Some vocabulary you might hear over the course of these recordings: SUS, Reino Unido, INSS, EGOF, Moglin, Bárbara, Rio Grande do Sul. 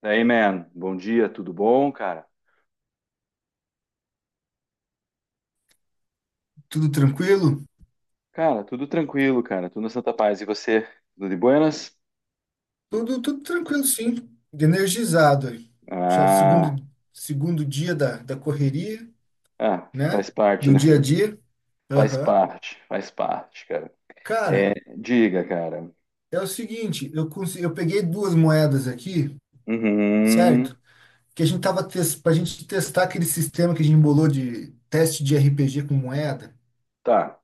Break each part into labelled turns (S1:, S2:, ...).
S1: Daí, man, bom dia, tudo bom, cara?
S2: Tudo tranquilo?
S1: Cara, tudo tranquilo, cara, tudo na Santa Paz. E você, tudo de buenas?
S2: Tudo, tudo tranquilo, sim. Energizado. Aí. Já
S1: Ah,
S2: segundo, segundo dia da, da correria,
S1: ah,
S2: né?
S1: faz parte,
S2: Do
S1: né?
S2: dia a dia. Aham.
S1: Faz parte, cara.
S2: Cara,
S1: É, diga, cara.
S2: é o seguinte, eu consegui, eu peguei duas moedas aqui,
S1: Uhum,
S2: certo? Que a gente tava para a gente testar aquele sistema que a gente embolou de teste de RPG com moeda.
S1: tá.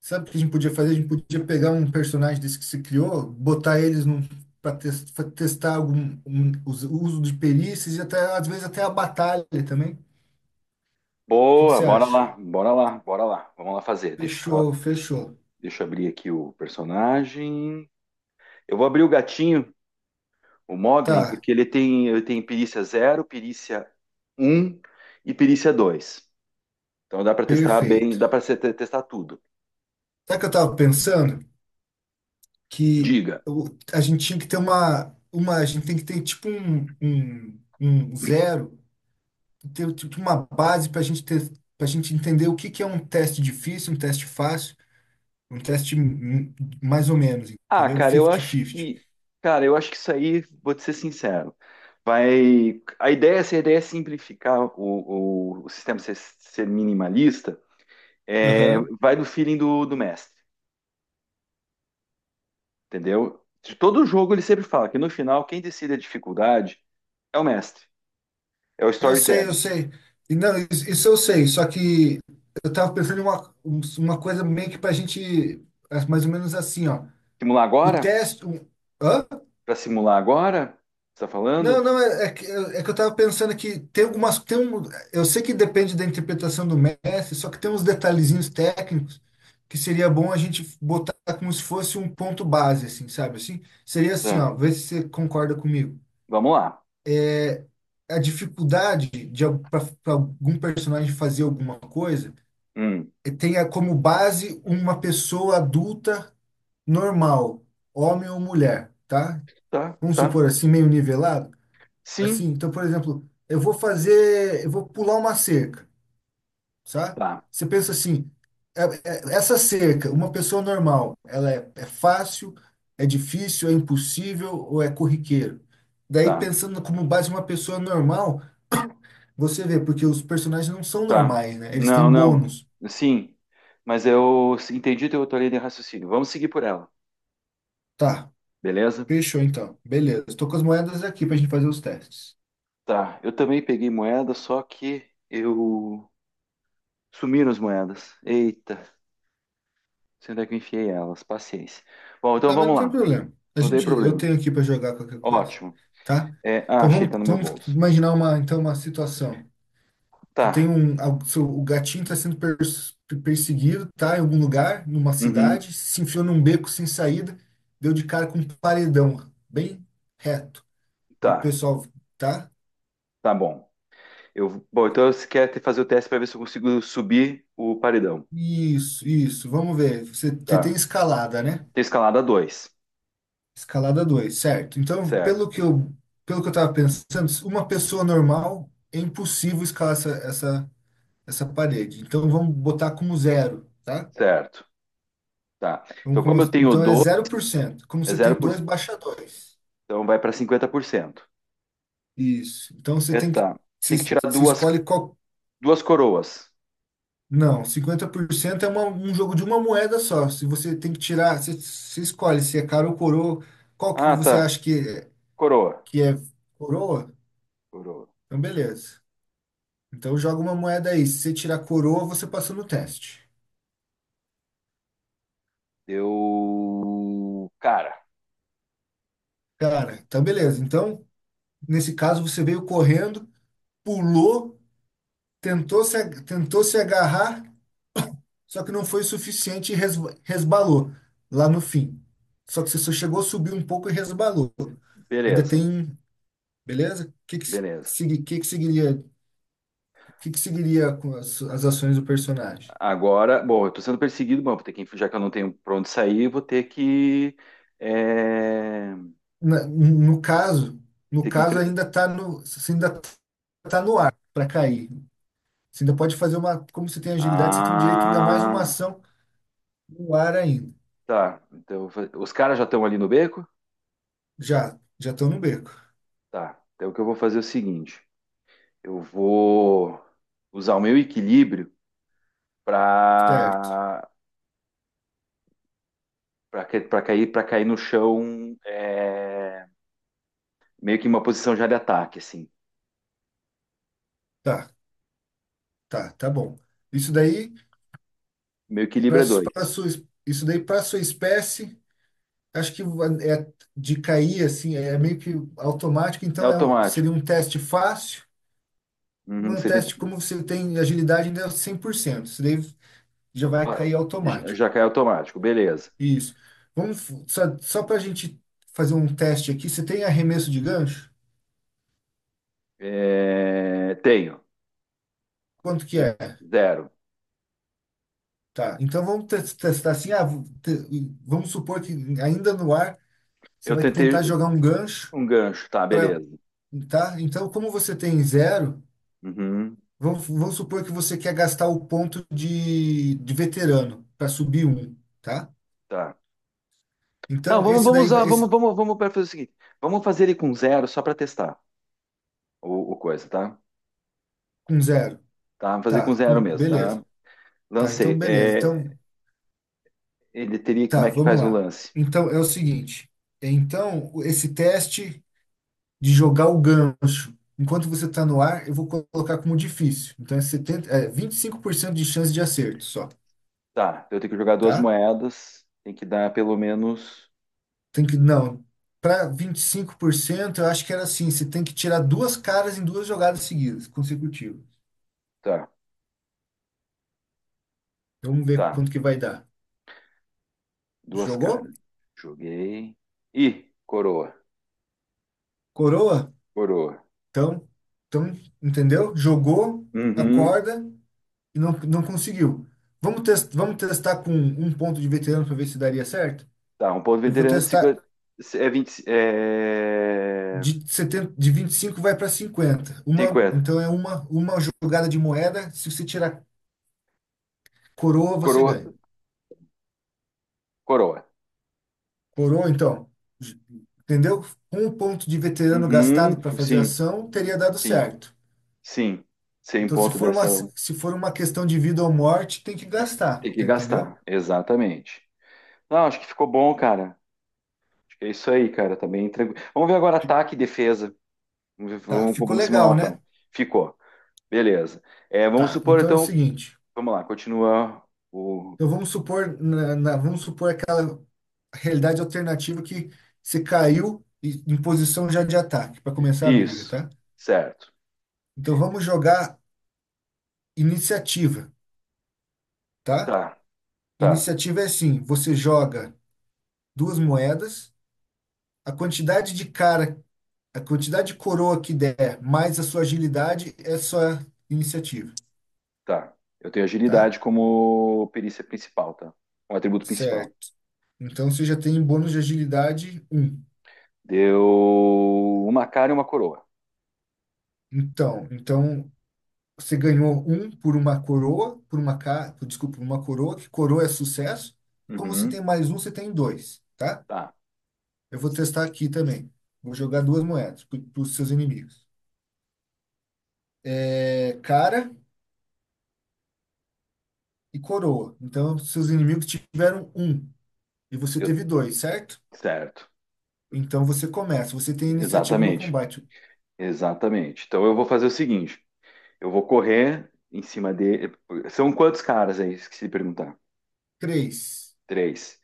S2: Sabe o que a gente podia fazer? A gente podia pegar um personagem desse que se criou, botar eles num, para testar algum, os- o uso de perícias e até, às vezes até a batalha também. O que que
S1: Boa,
S2: você
S1: bora
S2: acha?
S1: lá, bora lá, bora lá. Vamos lá fazer. Deixa,
S2: Fechou, fechou.
S1: deixa eu abrir aqui o personagem. Eu vou abrir o gatinho, o Moglin,
S2: Tá,
S1: porque ele tem perícia zero, perícia um e perícia 2. Então dá para testar bem,
S2: perfeito.
S1: dá para testar tudo.
S2: Sabe o que eu tava pensando? Que
S1: Diga.
S2: a gente tinha que ter uma, a gente tem que ter tipo um zero, ter tipo uma base para a gente ter, para gente entender o que que é um teste difícil, um teste fácil. Um teste mais ou menos,
S1: Ah,
S2: entendeu?
S1: cara, eu acho
S2: 50-50.
S1: que, cara, eu acho que isso aí, vou te ser sincero, vai. A ideia, se a ideia é simplificar o sistema, ser minimalista, é,
S2: Aham.
S1: vai do feeling do mestre, entendeu? De todo jogo ele sempre fala que no final quem decide a dificuldade é o mestre, é o
S2: Eu sei, eu
S1: storytelling.
S2: sei. E não, isso eu sei, só que eu tava pensando em uma, uma coisa meio que pra gente, é, mais ou menos assim, ó.
S1: Simular
S2: O
S1: agora?
S2: teste. Hã?
S1: Para simular agora? Você tá
S2: Não,
S1: falando?
S2: não, é, é que eu tava pensando que tem algumas. Tem um, eu sei que depende da interpretação do mestre, só que tem uns detalhezinhos técnicos que seria bom a gente botar como se fosse um ponto base, assim, sabe? Assim, seria assim,
S1: Tá.
S2: ó, vê se você concorda comigo.
S1: Vamos lá.
S2: A dificuldade de para algum personagem fazer alguma coisa
S1: Hum,
S2: tenha como base uma pessoa adulta normal, homem ou mulher, tá?
S1: tá,
S2: Vamos
S1: tá.
S2: supor assim, meio nivelado. Assim,
S1: Sim,
S2: então, por exemplo, eu vou pular uma cerca, sabe?
S1: tá.
S2: Você pensa assim, essa cerca, uma pessoa normal, ela é fácil, é difícil, é impossível ou é corriqueiro? Daí,
S1: Tá.
S2: pensando como base uma pessoa normal, você vê, porque os personagens não são
S1: Tá.
S2: normais, né? Eles têm
S1: Não, não.
S2: bônus.
S1: Sim. Mas eu entendi teu outra linha de raciocínio. Vamos seguir por ela,
S2: Tá,
S1: beleza?
S2: fechou então. Beleza. Estou com as moedas aqui pra gente fazer os testes.
S1: Tá. Eu também peguei moeda, só que eu sumiram as moedas. Eita, sei onde é que eu enfiei elas. Paciência. Bom, então
S2: Tá, mas não
S1: vamos
S2: tem
S1: lá.
S2: problema. A
S1: Não tem
S2: gente, eu
S1: problema.
S2: tenho aqui pra jogar qualquer coisa,
S1: Ótimo.
S2: tá?
S1: É, ah,
S2: Então
S1: achei, tá
S2: vamos,
S1: no meu
S2: vamos
S1: bolso.
S2: imaginar uma situação. Que tem
S1: Tá.
S2: um, o gatinho está sendo perseguido, tá em algum lugar, numa
S1: Uhum.
S2: cidade, se enfiou num beco sem saída, deu de cara com um paredão, bem reto. E o
S1: Tá.
S2: pessoal, tá?
S1: Tá bom. Eu, bom, então você quer fazer o teste para ver se eu consigo subir o paredão.
S2: Isso, vamos ver. Você, você tem
S1: Tá.
S2: escalada, né?
S1: Tem escalada dois.
S2: Escalada 2, certo. Então,
S1: Certo.
S2: pelo que eu estava pensando, uma pessoa normal é impossível escalar essa parede. Então, vamos botar como zero, tá?
S1: Certo. Tá.
S2: Vamos
S1: Então, como eu
S2: começar.
S1: tenho
S2: Então, é
S1: 12,
S2: zero por cento. Como
S1: é
S2: você tem dois,
S1: 0%,
S2: baixa dois.
S1: então vai para 50%.
S2: Isso. Então você
S1: É,
S2: tem que.
S1: tá. Tem que
S2: Se,
S1: tirar
S2: se
S1: duas,
S2: escolhe qual.
S1: duas coroas.
S2: Não, 50% é um jogo de uma moeda só. Se você tem que tirar. Você, você escolhe se é cara ou coroa. Qual que
S1: Ah,
S2: você
S1: tá.
S2: acha que,
S1: Coroa.
S2: que é coroa?
S1: Coroa.
S2: Então, beleza. Então joga uma moeda aí. Se você tirar coroa, você passa no teste.
S1: Eu. Cara,
S2: Cara, então beleza. Então, nesse caso, você veio correndo, pulou, tentou se agarrar. Só que não foi o suficiente e resbalou lá no fim. Só que você só chegou a subir um pouco e resbalou. Ainda
S1: beleza.
S2: tem, beleza? O que que,
S1: Beleza.
S2: segui- que seguiria, o que que seguiria com as, as ações do personagem?
S1: Agora, bom, eu tô sendo perseguido, bom, vou ter que, já que eu não tenho pra onde sair, vou ter que. É,
S2: No caso, no
S1: ter que
S2: caso
S1: enfrentar.
S2: ainda está no, você ainda tá no ar para cair. Você ainda pode fazer uma, como você tem agilidade, você tem direito ainda mais uma
S1: Ah,
S2: ação no ar ainda.
S1: tá. Então, eu vou os caras já estão ali no beco?
S2: Já, já estão no beco.
S1: Tá. Então, o que eu vou fazer é o seguinte: eu vou usar o meu equilíbrio
S2: Certo.
S1: para para cair no chão é, meio que em uma posição já de ataque, assim.
S2: Tá, tá, tá bom. Isso daí
S1: Meu equilíbrio é
S2: para
S1: dois.
S2: sua, isso daí para sua espécie, acho que é de cair assim, é meio que automático,
S1: É
S2: então
S1: automático.
S2: seria um teste fácil,
S1: Uhum,
S2: um
S1: 70
S2: teste como você tem agilidade ainda é 100%, isso daí já vai cair
S1: já
S2: automático.
S1: já cai automático, beleza.
S2: Isso. Só, só para a gente fazer um teste aqui, você tem arremesso de gancho?
S1: É, tenho.
S2: Quanto que
S1: É,
S2: é?
S1: zero.
S2: Tá. Então vamos testar assim, ah, vamos supor que ainda no ar você
S1: Eu
S2: vai tentar
S1: tentei
S2: jogar um gancho
S1: um gancho, tá,
S2: para.
S1: beleza.
S2: Tá? Então, como você tem zero,
S1: Uhum,
S2: vamos, vamos supor que você quer gastar o ponto de veterano para subir um, tá?
S1: tá. Não,
S2: Então,
S1: vamos,
S2: esse
S1: vamos
S2: daí
S1: usar,
S2: vai,
S1: vamos,
S2: esse,
S1: vamos, vamos para fazer o seguinte. Vamos fazer ele com zero só para testar o coisa, tá?
S2: com zero,
S1: Tá, vamos fazer
S2: tá?
S1: com zero
S2: Com,
S1: mesmo,
S2: beleza,
S1: tá?
S2: tá? Então,
S1: Lancei.
S2: beleza.
S1: É,
S2: Então,
S1: ele teria, como
S2: tá,
S1: é que
S2: vamos
S1: faz o
S2: lá.
S1: lance?
S2: Então, é o seguinte: então, esse teste de jogar o gancho, enquanto você está no ar, eu vou colocar como difícil. Então, é 70, é 25% de chance de acerto só,
S1: Tá, eu tenho que jogar duas
S2: tá?
S1: moedas, tem que dar pelo menos.
S2: Tem que, não, para 25% eu acho que era assim, você tem que tirar duas caras em duas jogadas seguidas, consecutivas.
S1: Tá,
S2: Vamos ver
S1: tá,
S2: quanto que vai dar.
S1: duas
S2: Jogou?
S1: carnes. Joguei. Ih, coroa,
S2: Coroa?
S1: coroa.
S2: Então, então, entendeu? Jogou,
S1: Uhum.
S2: acorda e não, não conseguiu. Vamos testar com um ponto de veterano para ver se daria certo?
S1: Tá, um ponto
S2: Eu vou
S1: veterano,
S2: testar
S1: 50, é 20, é
S2: de setenta, de 25 vai para cinquenta. Uma,
S1: 50.
S2: então é uma jogada de moeda, se você tirar coroa, você
S1: Coroa,
S2: ganha.
S1: coroa.
S2: Coroa, então, j- entendeu? Um ponto de veterano
S1: Uhum,
S2: gastado para fazer
S1: sim,
S2: ação teria dado
S1: sim,
S2: certo.
S1: sim. Sem
S2: Então, se
S1: ponto de
S2: for uma,
S1: ação.
S2: se for uma questão de vida ou morte, tem que gastar,
S1: Tem que
S2: tá, entendeu?
S1: gastar, exatamente. Não, acho que ficou bom, cara. É isso aí, cara. Tá bem tranquilo. Vamos ver agora ataque e defesa.
S2: Tá, ficou
S1: Vamos simular um
S2: legal, né?
S1: ataque. Ficou. Beleza. É, vamos
S2: Tá,
S1: supor,
S2: então é o
S1: então.
S2: seguinte.
S1: Vamos lá, continua o.
S2: Então vamos supor, vamos supor aquela realidade alternativa que você em posição já de ataque para começar a briga,
S1: Isso.
S2: tá?
S1: Certo.
S2: Então vamos jogar iniciativa, tá?
S1: Tá, tá,
S2: Iniciativa é assim, você joga duas moedas, a quantidade de cara a quantidade de coroa que der, mais a sua agilidade, é sua iniciativa,
S1: tá. Eu tenho
S2: tá?
S1: agilidade como perícia principal, tá? Um atributo principal.
S2: Certo. Então você já tem bônus de agilidade um.
S1: Deu uma cara e uma coroa.
S2: Então, então você ganhou um por uma coroa, por uma ca... por- desculpa, por uma coroa, que coroa é sucesso. E como você
S1: Uhum.
S2: tem mais um, você tem dois, tá?
S1: Tá.
S2: Eu vou testar aqui também. Vou jogar duas moedas para os seus inimigos. É, cara e coroa. Então, seus inimigos tiveram um e você
S1: Eu...
S2: teve dois, certo?
S1: Certo.
S2: Então você começa, você tem iniciativa no
S1: Exatamente.
S2: combate.
S1: Exatamente. Então eu vou fazer o seguinte. Eu vou correr em cima dele. São quantos caras aí? Esqueci de perguntar.
S2: Três,
S1: Três.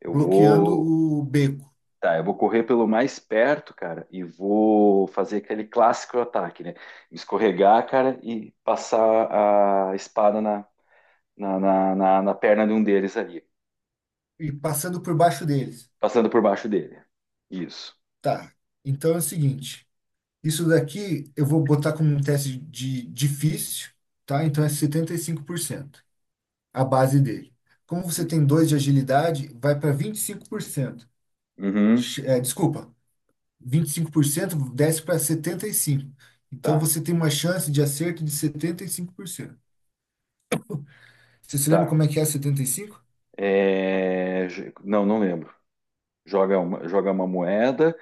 S1: Eu
S2: bloqueando
S1: vou.
S2: o beco
S1: Tá, eu vou correr pelo mais perto, cara, e vou fazer aquele clássico ataque, né? Escorregar, cara, e passar a espada na perna de um deles ali,
S2: e passando por baixo deles.
S1: passando por baixo dele. Isso.
S2: Tá. Então é o seguinte, isso daqui eu vou botar como um teste de difícil, tá? Então é 75% a base dele. Como você tem dois de agilidade, vai para 25%.
S1: Uhum.
S2: Desculpa, 25% desce para 75%. Então
S1: Tá,
S2: você tem uma chance de acerto de 75%. Você se lembra
S1: tá.
S2: como é que é 75?
S1: Não, não lembro. Joga uma moeda,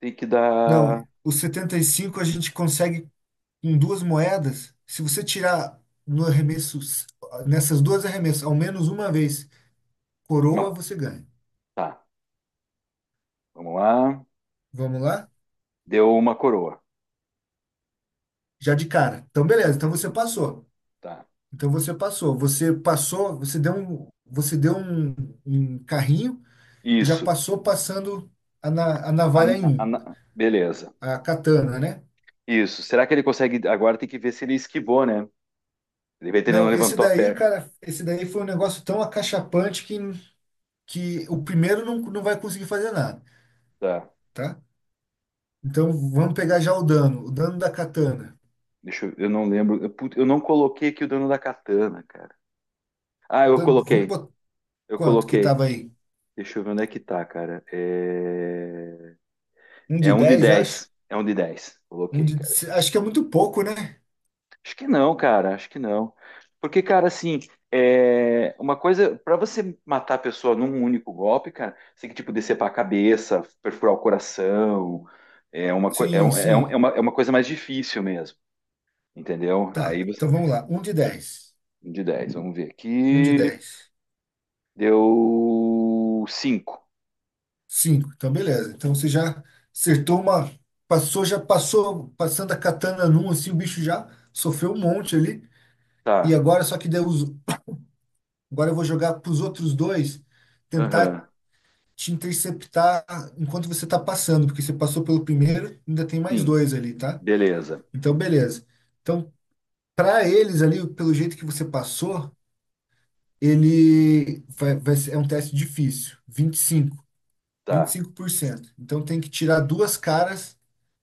S1: tem que dar.
S2: Não, os 75 a gente consegue em duas moedas. Se você tirar no arremesso, nessas duas arremessas, ao menos uma vez, coroa,
S1: Não,
S2: você ganha.
S1: tá. Vamos lá.
S2: Vamos lá?
S1: Deu uma coroa.
S2: Já de cara. Então, beleza.
S1: Já-
S2: Então
S1: é,
S2: você passou.
S1: Tá.
S2: Então você passou. Você passou, um carrinho e já
S1: Isso.
S2: passou passando a navalha em
S1: A-
S2: um,
S1: Beleza.
S2: a katana, né?
S1: Isso. Será que ele consegue? Agora tem que ver se ele esquivou, né? Ele vai ter, ele não
S2: Não, esse
S1: levantou a
S2: daí,
S1: perna.
S2: cara, esse daí foi um negócio tão acachapante que o primeiro não, não vai conseguir fazer nada.
S1: Tá.
S2: Tá? Então vamos pegar já o dano da katana.
S1: Deixa eu não lembro. Eu, eu não coloquei aqui o dano da katana, cara. Ah, eu
S2: Vamos
S1: coloquei.
S2: botar
S1: Eu
S2: quanto que
S1: coloquei.
S2: tava aí?
S1: Deixa eu ver onde é que tá, cara. É,
S2: Um
S1: é
S2: de
S1: um de
S2: 10 acho.
S1: 10. É um de 10.
S2: Um
S1: Coloquei.
S2: de, acho que é muito pouco, né?
S1: Acho que não, cara, acho que não. Porque, cara, assim, é uma coisa, para você matar a pessoa num único golpe, cara, você tem que, tipo, decepar a cabeça, perfurar o coração, é uma,
S2: Sim, sim.
S1: é uma coisa mais difícil mesmo, entendeu?
S2: Tá,
S1: Aí você,
S2: então vamos lá. Um de dez.
S1: um de dez, vamos ver
S2: Um de
S1: aqui,
S2: 10.
S1: deu cinco,
S2: 5. Então beleza. Então você já acertou uma. Passou, já passou, passando a katana num, assim, o bicho já sofreu um monte ali. E
S1: tá,
S2: agora, só que deu os, agora eu vou jogar pros outros dois, tentar
S1: aham,
S2: te interceptar enquanto você está passando, porque você passou pelo primeiro, ainda tem mais
S1: sim,
S2: dois ali, tá?
S1: beleza,
S2: Então, beleza. Então, para eles ali, pelo jeito que você passou, vai ser, é um teste difícil, vinte e
S1: tá,
S2: cinco por cento. Então, tem que tirar duas caras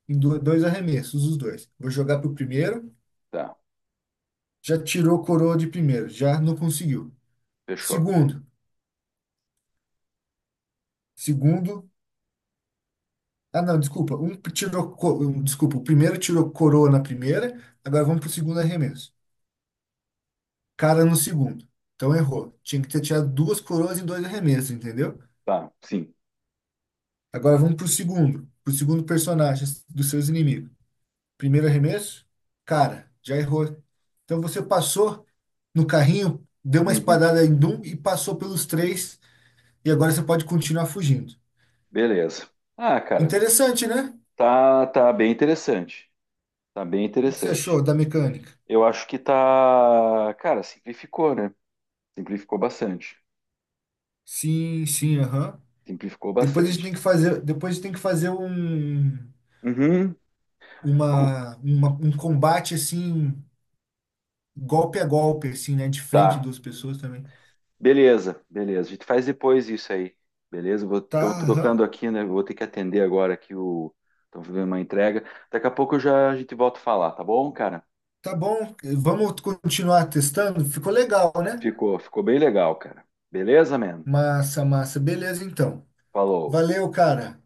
S2: em dois arremessos, os dois. Vou jogar pro primeiro,
S1: tá,
S2: já tirou coroa de primeiro, já não conseguiu.
S1: fechou,
S2: Segundo, segundo Ah, não, desculpa. Desculpa, o primeiro tirou coroa na primeira, agora vamos pro segundo arremesso. Cara no segundo. Então errou. Tinha que ter tirado duas coroas em dois arremessos, entendeu?
S1: tá, sim,
S2: Agora vamos pro segundo personagem dos seus inimigos. Primeiro arremesso, cara, já errou. Então você passou no carrinho, deu uma
S1: uhum,
S2: espadada em um e passou pelos três, e agora você pode continuar fugindo.
S1: beleza. Ah, cara,
S2: Interessante, né? O
S1: tá, tá bem interessante. Tá bem
S2: que que você
S1: interessante.
S2: achou da mecânica?
S1: Eu acho que tá. Cara, simplificou, né? Simplificou bastante.
S2: Sim, sim, aham.
S1: Simplificou
S2: Depois a gente tem
S1: bastante.
S2: que fazer, depois a gente tem que fazer um,
S1: Uhum. Vamos-
S2: um combate assim, golpe a golpe, assim, né? De frente
S1: Tá.
S2: duas pessoas também.
S1: Beleza, beleza. A gente faz depois isso aí. Beleza? Vou...
S2: Tá,
S1: Estão tocando
S2: aham.
S1: aqui, né? Vou ter que atender agora aqui o. Estão fazendo uma entrega. Daqui a pouco eu já a gente volta a falar, tá bom, cara?
S2: Tá bom. Vamos continuar testando? Ficou legal, né?
S1: Ficou, ficou bem legal, cara. Beleza, man?
S2: Massa, massa. Beleza, então.
S1: Falou.
S2: Valeu, cara.